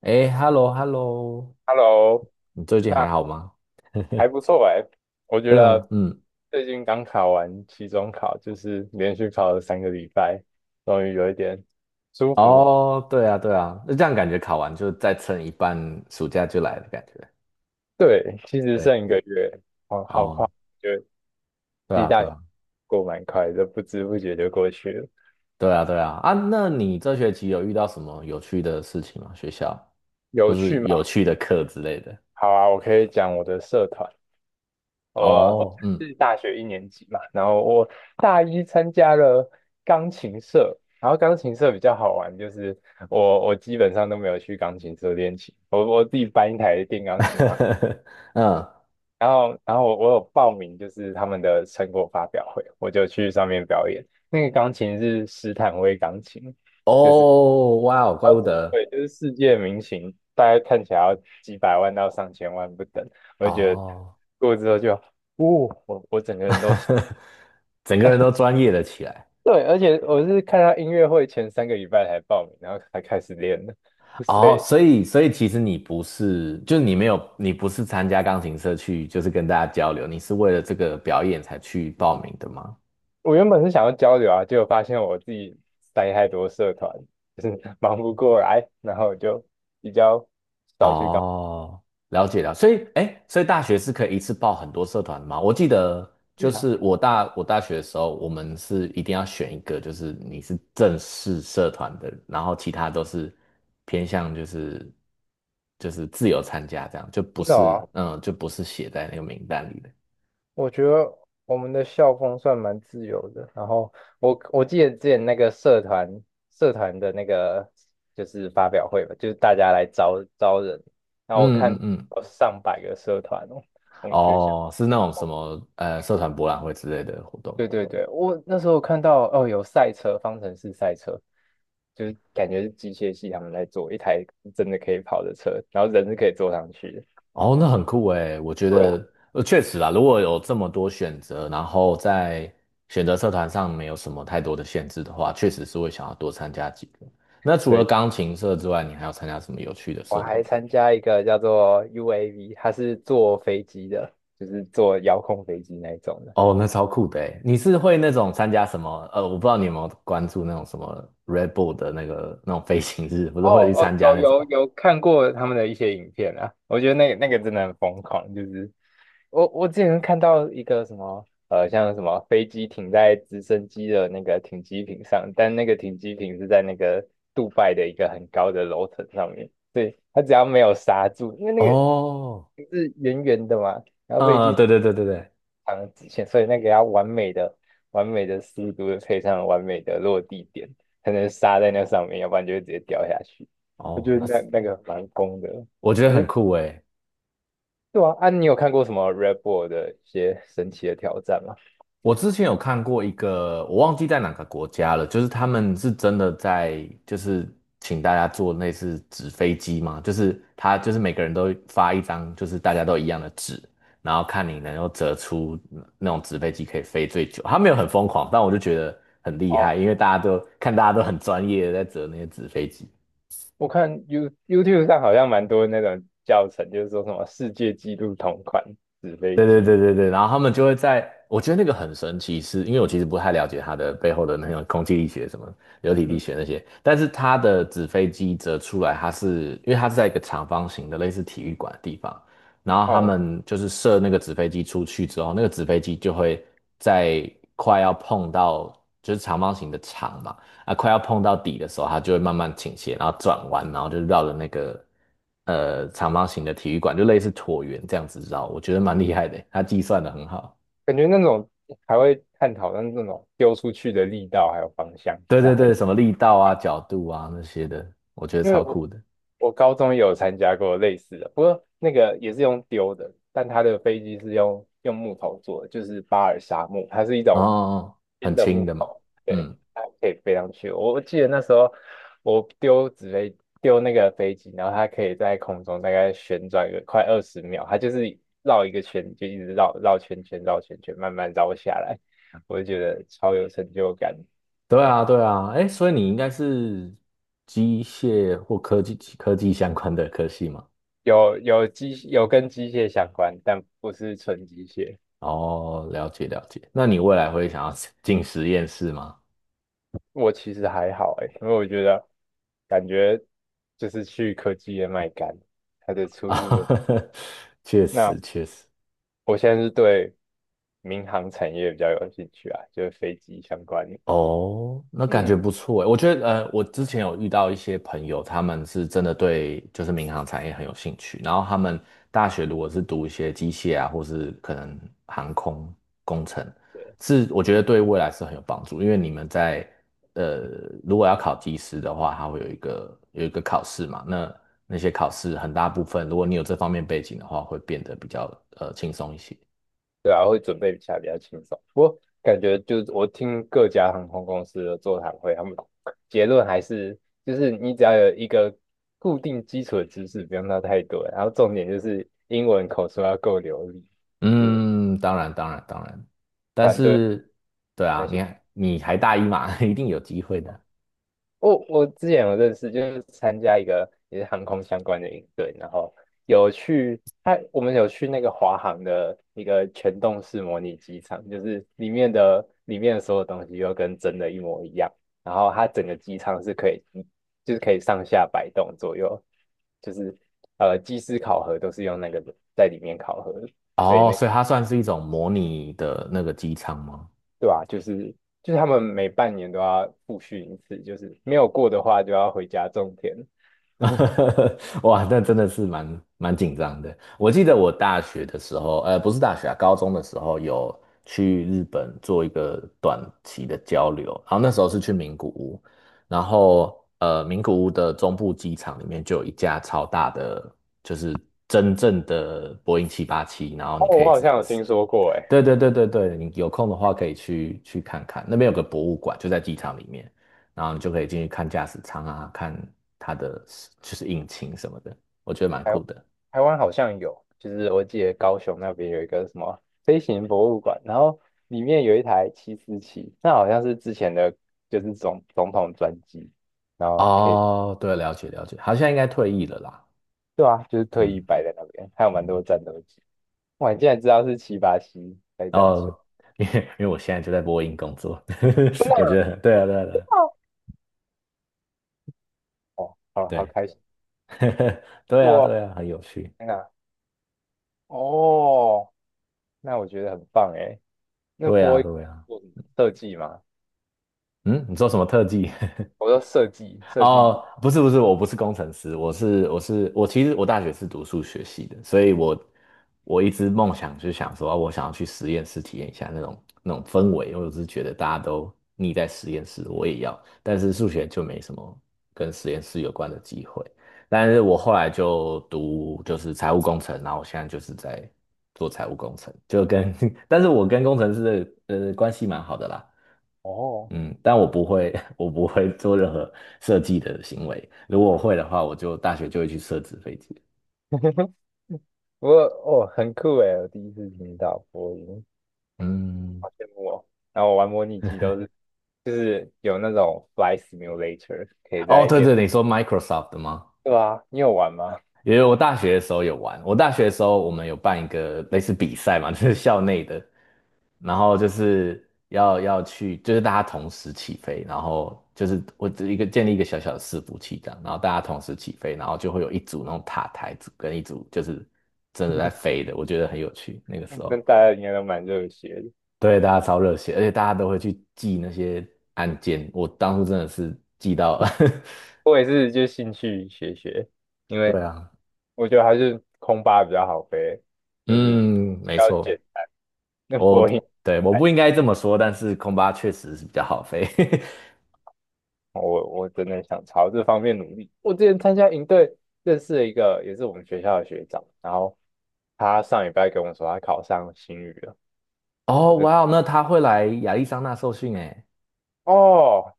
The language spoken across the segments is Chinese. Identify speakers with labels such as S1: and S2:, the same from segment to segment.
S1: 哎，hello，hello，
S2: Hello，
S1: 你最近还
S2: 那
S1: 好吗？
S2: 还不错哎，我觉
S1: 真的，
S2: 得
S1: 嗯，
S2: 最近刚考完期中考，就是连续考了三个礼拜，终于有一点舒服。
S1: 哦，对啊，对啊，那这样感觉考完就再撑一半，暑假就来的感觉。
S2: 对，其实
S1: 对，
S2: 剩1个月，好好
S1: 哦，
S2: 快，就
S1: 对
S2: 期
S1: 啊，对
S2: 待
S1: 啊，
S2: 过蛮快的，不知不觉就过去了。
S1: 对啊，对啊，啊，那你这学期有遇到什么有趣的事情吗？学校，或
S2: 有
S1: 是
S2: 趣吗？
S1: 有趣的课之类的？
S2: 好啊，我可以讲我的社团，我
S1: 哦，嗯，
S2: 是大学一年级嘛，然后我大一参加了钢琴社，然后钢琴社比较好玩，就是我基本上都没有去钢琴社练琴，我自己搬一台电钢琴嘛，
S1: 嗯，
S2: 然后我有报名就是他们的成果发表会，我就去上面表演，那个钢琴是斯坦威钢琴，就是
S1: 哦，哇哦，怪
S2: 超
S1: 不
S2: 级
S1: 得，
S2: 贵，就是世界名琴，大概看起来要几百万到上千万不等，我就觉得
S1: 哦，
S2: 过之后就。哦，我整个人都
S1: 整个人都专业了起来。
S2: 对，而且我是看他音乐会前三个礼拜才报名，然后才开始练的。所
S1: 哦，
S2: 以，
S1: 所以其实你不是，就是你没有，你不是参加钢琴社去，就是跟大家交流，你是为了这个表演才去报名的吗？
S2: 我原本是想要交流啊，结果发现我自己塞太多社团，就是 忙不过来，然后我就比较少去搞。
S1: 哦，了解了。所以，哎，所以大学是可以一次报很多社团的吗？我记得就
S2: 对啊，
S1: 是我大学的时候，我们是一定要选一个，就是你是正式社团的，然后其他都是偏向就是自由参加这样，就不
S2: 真的
S1: 是
S2: 啊，
S1: 嗯，就不是写在那个名单里的。
S2: 我觉得我们的校风算蛮自由的。然后我记得之前那个社团的那个就是发表会吧，就是大家来招招人，然后我看
S1: 嗯嗯嗯。
S2: 有上百个社团哦，我们学校。
S1: 哦，是那种什么社团博览会之类的活动。
S2: 对对对，我那时候看到哦，有赛车，方程式赛车，就是感觉是机械系他们在做一台真的可以跑的车，然后人是可以坐上去的。
S1: 哦，那很酷诶，我觉
S2: 对啊，
S1: 得确实啦，如果有这么多选择，然后在选择社团上没有什么太多的限制的话，确实是会想要多参加几个。那除了
S2: 对，
S1: 钢琴社之外，你还有参加什么有趣的
S2: 我
S1: 社团？
S2: 还参加一个叫做 UAV，它是坐飞机的，就是坐遥控飞机那一种的。
S1: 哦，那超酷的诶，你是会那种参加什么？我不知道你有没有关注那种什么 Red Bull 的那个那种飞行日，不是
S2: 哦
S1: 会去
S2: 哦，
S1: 参加
S2: 有
S1: 那种？
S2: 有有看过他们的一些影片啊，我觉得那个真的很疯狂，就是我之前看到一个什么像什么飞机停在直升机的那个停机坪上，但那个停机坪是在那个杜拜的一个很高的楼层上面，对，它只要没有刹住，因为那个
S1: 哦，
S2: 是圆圆的嘛，然后飞
S1: 嗯，
S2: 机
S1: 对对对对对，
S2: 长的直线，所以那个要完美的、完美的速度配上完美的落地点，才能刹在那上面，要不然就会直接掉下去。我
S1: 哦，
S2: 觉得
S1: 那
S2: 那
S1: 是。
S2: 那个蛮疯的。
S1: 我觉得
S2: 你就
S1: 很酷诶。
S2: 对啊，啊，你有看过什么 Red Bull 的一些神奇的挑战吗？
S1: 我之前有看过一个，我忘记在哪个国家了，就是他们是真的在，就是请大家做那似纸飞机嘛，就是他就是每个人都发一张，就是大家都一样的纸，然后看你能够折出那种纸飞机可以飞最久。他没有很疯狂，但我就觉得很厉害，
S2: 哦，
S1: 因为大家都很专业的在折那些纸飞机。
S2: 我看 YouTube 上好像蛮多那种教程，就是说什么世界纪录同款纸飞
S1: 对对
S2: 机。
S1: 对对对，然后他们就会在，我觉得那个很神奇是，因为我其实不太了解它的背后的那种空气力学、什么流体力
S2: 嗯，
S1: 学那些，但是它的纸飞机折出来，它是因为它是在一个长方形的类似体育馆的地方，然后他
S2: 哦，
S1: 们就是射那个纸飞机出去之后，那个纸飞机就会在快要碰到就是长方形的场嘛，啊，快要碰到底的时候，它就会慢慢倾斜，然后转弯，然后就绕着那个长方形的体育馆，就类似椭圆这样子绕，我觉得蛮厉害的，它计算的很好。
S2: 感觉那种还会探讨那种丢出去的力道还有方向，其
S1: 对
S2: 实
S1: 对
S2: 很。
S1: 对，什么力道啊、角度啊那些的，我觉得
S2: 因为
S1: 超
S2: 我
S1: 酷的。
S2: 我高中也有参加过类似的，不过那个也是用丢的，但它的飞机是用木头做的，就是巴尔沙木，它是一
S1: 哦，哦
S2: 种
S1: 哦
S2: 新
S1: 很
S2: 的
S1: 轻
S2: 木
S1: 的嘛。
S2: 头，对，
S1: 嗯，
S2: 它可以飞上去。我记得那时候我丢那个飞机，然后它可以在空中大概旋转个快20秒，它就是绕一个圈，就一直绕绕圈圈绕圈圈，慢慢绕下来，我就觉得超有成就感。
S1: 对啊对啊，哎，所以你应该是机械或科技相关的科系嘛？
S2: 有跟机械相关，但不是纯机械。
S1: 哦，了解了解。那你未来会想要进实验室吗？
S2: 我其实还好诶，因为我觉得感觉就是去科技业卖干，它的 出路的。
S1: 啊，确
S2: 那
S1: 实确实。
S2: 我现在是对民航产业比较有兴趣啊，就是飞机相关的
S1: 哦，那感觉
S2: 嗯，
S1: 不错诶。我觉得，我之前有遇到一些朋友，他们是真的对就是民航产业很有兴趣，然后他们大学如果是读一些机械啊，或是可能航空工程，
S2: 对，
S1: 是我觉得对未来是很有帮助，因为你们在呃，如果要考技师的话，它会有一个考试嘛，那些考试很大部分，如果你有这方面背景的话，会变得比较轻松一些。
S2: 对啊，会准备起来比较轻松。我感觉就是我听各家航空公司的座谈会，他们结论还是就是你只要有一个固定基础的知识，不用到太多，然后重点就是英文口说要够流利，就是
S1: 嗯，当然，当然，当然，但
S2: 反对。
S1: 是，对
S2: 那
S1: 啊，
S2: 些。
S1: 你还大一嘛，一定有机会的。
S2: 我之前有认识，就是参加一个也是航空相关的营队，然后有去他我们有去那个华航的一个全动式模拟机场，就是里面的所有东西又跟真的一模一样，然后它整个机场是可以上下摆动左右，就是机师考核都是用那个在里面考核的，所以
S1: 哦，
S2: 那
S1: 所以它算是一种模拟的那个机舱吗？
S2: 对吧、就是他们每半年都要复训一次，就是没有过的话就要回家种田。
S1: 哇，那真的是蛮紧张的。我记得我大学的时候，不是大学啊，高中的时候有去日本做一个短期的交流，然后那时候是去名古屋，然后名古屋的中部机场里面就有一架超大的，就是真正的波音787，然后
S2: 哦，
S1: 你可
S2: 我
S1: 以
S2: 好像有听说过，哎，
S1: 对对对对对，你有空的话可以去看看，那边有个博物馆，就在机场里面，然后你就可以进去看驾驶舱啊，看它的就是引擎什么的，我觉得蛮
S2: 台
S1: 酷的。
S2: 台湾好像有，就是我记得高雄那边有一个什么飞行博物馆，然后里面有一台747，那好像是之前的，就是总统专机，然后可以，
S1: 哦，对，了解了解，好像应该退役了啦。
S2: 对啊，就是特意
S1: 嗯
S2: 摆在那边，还有蛮多
S1: 嗯，
S2: 战斗机，哇，你竟然知道是787在
S1: 然
S2: 展出，
S1: 后因为我现在就在波音工作，
S2: 真
S1: 我觉
S2: 的
S1: 得对啊对啊对啊
S2: 哦，好好
S1: 对，
S2: 开心，
S1: 对啊对啊，很有趣，
S2: 天哪，哦，那我觉得很棒，哎，那
S1: 对
S2: 波
S1: 啊
S2: 音
S1: 对啊，
S2: 做什么设计吗？
S1: 嗯，你做什么特技？
S2: 我 说设计设计，
S1: 哦，不是不是，我不是工程师，我，其实我大学是读数学系的，所以我一直梦想就想说，啊我想要去实验室体验一下那种氛围，因为我是觉得大家都腻在实验室，我也要，但是数学就没什么跟实验室有关的机会。但是我后来就读就是财务工程，然后我现在就是在做财务工程，就跟 但是我跟工程师的关系蛮好的啦。
S2: 哦。
S1: 嗯，但我不会，我不会做任何设计的行为。如果我会的话，我就大学就会去设置飞机。
S2: 我哦，很酷诶，我第一次听到播音，
S1: 嗯，
S2: 好羡慕哦。然后我玩模拟机都是就是有那种 flight simulator，可以
S1: 哦，
S2: 在
S1: 对
S2: 电，
S1: 对，你说 Microsoft 的吗？
S2: 对啊，你有玩吗？
S1: 因为我大学的时候有玩，我大学的时候我们有办一个类似比赛嘛，就是校内的，然后就是要去，就是大家同时起飞，然后就是我只一个建立一个小小的伺服器这样，然后大家同时起飞，然后就会有一组那种塔台组跟一组就是真的在 飞的，我觉得很有趣，那个时
S2: 那
S1: 候。
S2: 大家应该都蛮热血的，
S1: 对，大家超热血，而且大家都会去记那些案件。我当初真的是记到，
S2: 我也是就兴趣学学，因 为
S1: 对啊，
S2: 我觉得还是空巴比较好飞，就是
S1: 嗯，没
S2: 要
S1: 错，
S2: 捡那
S1: 我
S2: 播音。
S1: 对我不应该这么说，但是空巴确实是比较好飞。
S2: 我真的想朝这方面努力。我之前参加营队，认识了一个也是我们学校的学长，然后他上礼拜跟我说他考上新语了，
S1: 哦，
S2: 我真
S1: 哇哦，那他会来亚利桑那受训诶。
S2: 哦，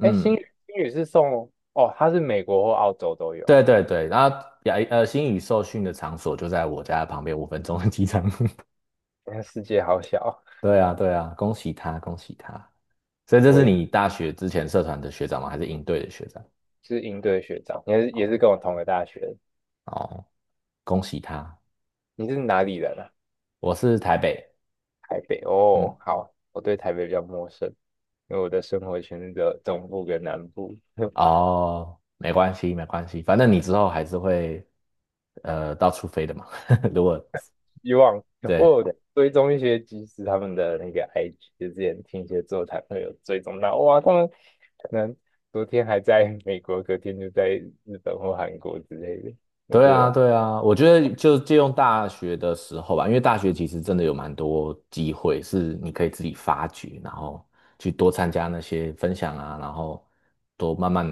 S2: 哎，新语新语是送哦，他是美国或澳洲都有，
S1: 对对对，然后星宇受训的场所就在我家旁边5分钟的机场。
S2: 你看世界好小。
S1: 对啊，对啊，恭喜他，恭喜他。所以这
S2: 我
S1: 是
S2: 也
S1: 你大学之前社团的学长吗？还是应队的学长？
S2: 是营队的学长，也是
S1: 哦
S2: 跟我同个大学的，
S1: 哦，恭喜他。
S2: 你是哪里人啊？
S1: 我是台北，
S2: 台北哦，
S1: 嗯，
S2: 好，我对台北比较陌生，因为我的生活圈是只有中部跟南部。
S1: 哦，没关系，没关系，反正你之后还是会到处飞的嘛。如果
S2: 希望
S1: 对
S2: 我有追踪一些技师他们的那个 IG，就之前听一些座谈会有追踪到，哇，他们可能昨天还在 美国，隔天就在日本或韩国之类的，我
S1: 对
S2: 觉
S1: 啊，
S2: 得
S1: 对啊，我觉得就借用大学的时候吧，因为大学其实真的有蛮多机会是你可以自己发掘，然后去多参加那些分享啊，然后多慢慢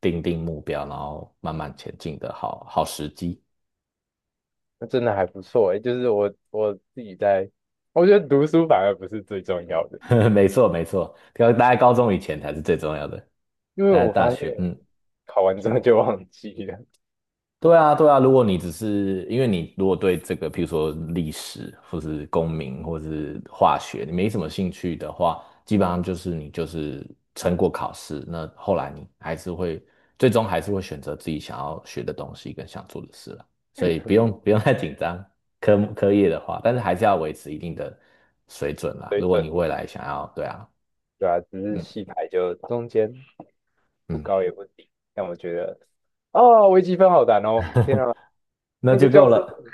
S1: 定目标，然后慢慢前进的好时机。
S2: 那真的还不错诶，就是我自己在，我觉得读书反而不是最重要的，
S1: 没错，没错，要待在高中以前才是最重要的，
S2: 因为
S1: 待在
S2: 我
S1: 大
S2: 发现
S1: 学，
S2: 我
S1: 嗯。
S2: 考完之后就忘记了
S1: 对啊，对啊，如果你只是因为你如果对这个，譬如说历史，或是公民，或是化学，你没什么兴趣的话，基本上就是你就是撑过考试，那后来你还是会最终还是会选择自己想要学的东西跟想做的事了，所以不用不用太紧张，科目科业的话，但是还是要维持一定的水准啦。
S2: 水
S1: 如果
S2: 准，
S1: 你未来想要，对啊，
S2: 对啊，只是
S1: 嗯
S2: 戏台就中间不
S1: 嗯，
S2: 高也不低，但我觉得。哦，微积分好难哦！天啊，
S1: 那
S2: 那个
S1: 就
S2: 教
S1: 够
S2: 授
S1: 了，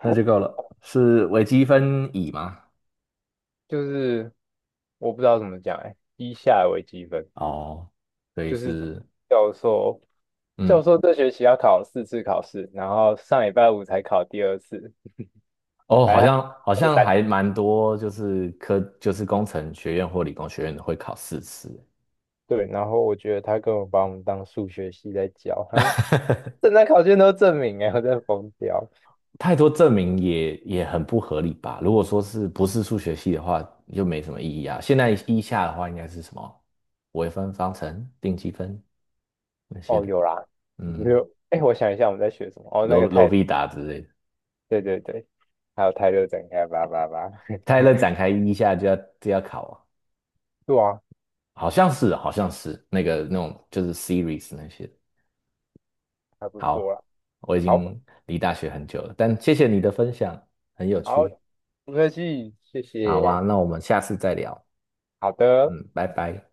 S1: 那就够了，是微积分乙吗？
S2: 就是我不知道怎么讲哎、以下为积分
S1: 哦，所以
S2: 就是
S1: 是，
S2: 教授教
S1: 嗯，
S2: 授这学期要考4次考试，然后上礼拜五才考第二次，
S1: 哦，好像好
S2: 周
S1: 像
S2: 三
S1: 还蛮多，就是科就是工程学院或理工学院的会考4次，
S2: 对，然后我觉得他根本把我们当数学系在教，他们 正张考卷都证明哎、我真的疯掉。
S1: 太多证明也很不合理吧？如果说是不是数学系的话，就没什么意义啊。现在一下的话，应该是什么微分方程、定积分那些
S2: 哦，
S1: 的，
S2: 有啦，
S1: 嗯，
S2: 有哎、我想一下我们在学什么？哦，那个
S1: 罗罗
S2: 泰，
S1: 必达之类的。
S2: 对对对，还有泰勒展开叭叭叭，
S1: 泰勒展开一下就要考
S2: 对啊，
S1: 啊，好像是那个那种就是 series 那些。
S2: 还不错啦。
S1: 好，我已
S2: 好，
S1: 经离大学很久了，但谢谢你的分享，很有
S2: 好，
S1: 趣。
S2: 没关系，谢
S1: 好啊，
S2: 谢，
S1: 那我们下次再聊。
S2: 好的。
S1: 嗯，拜拜。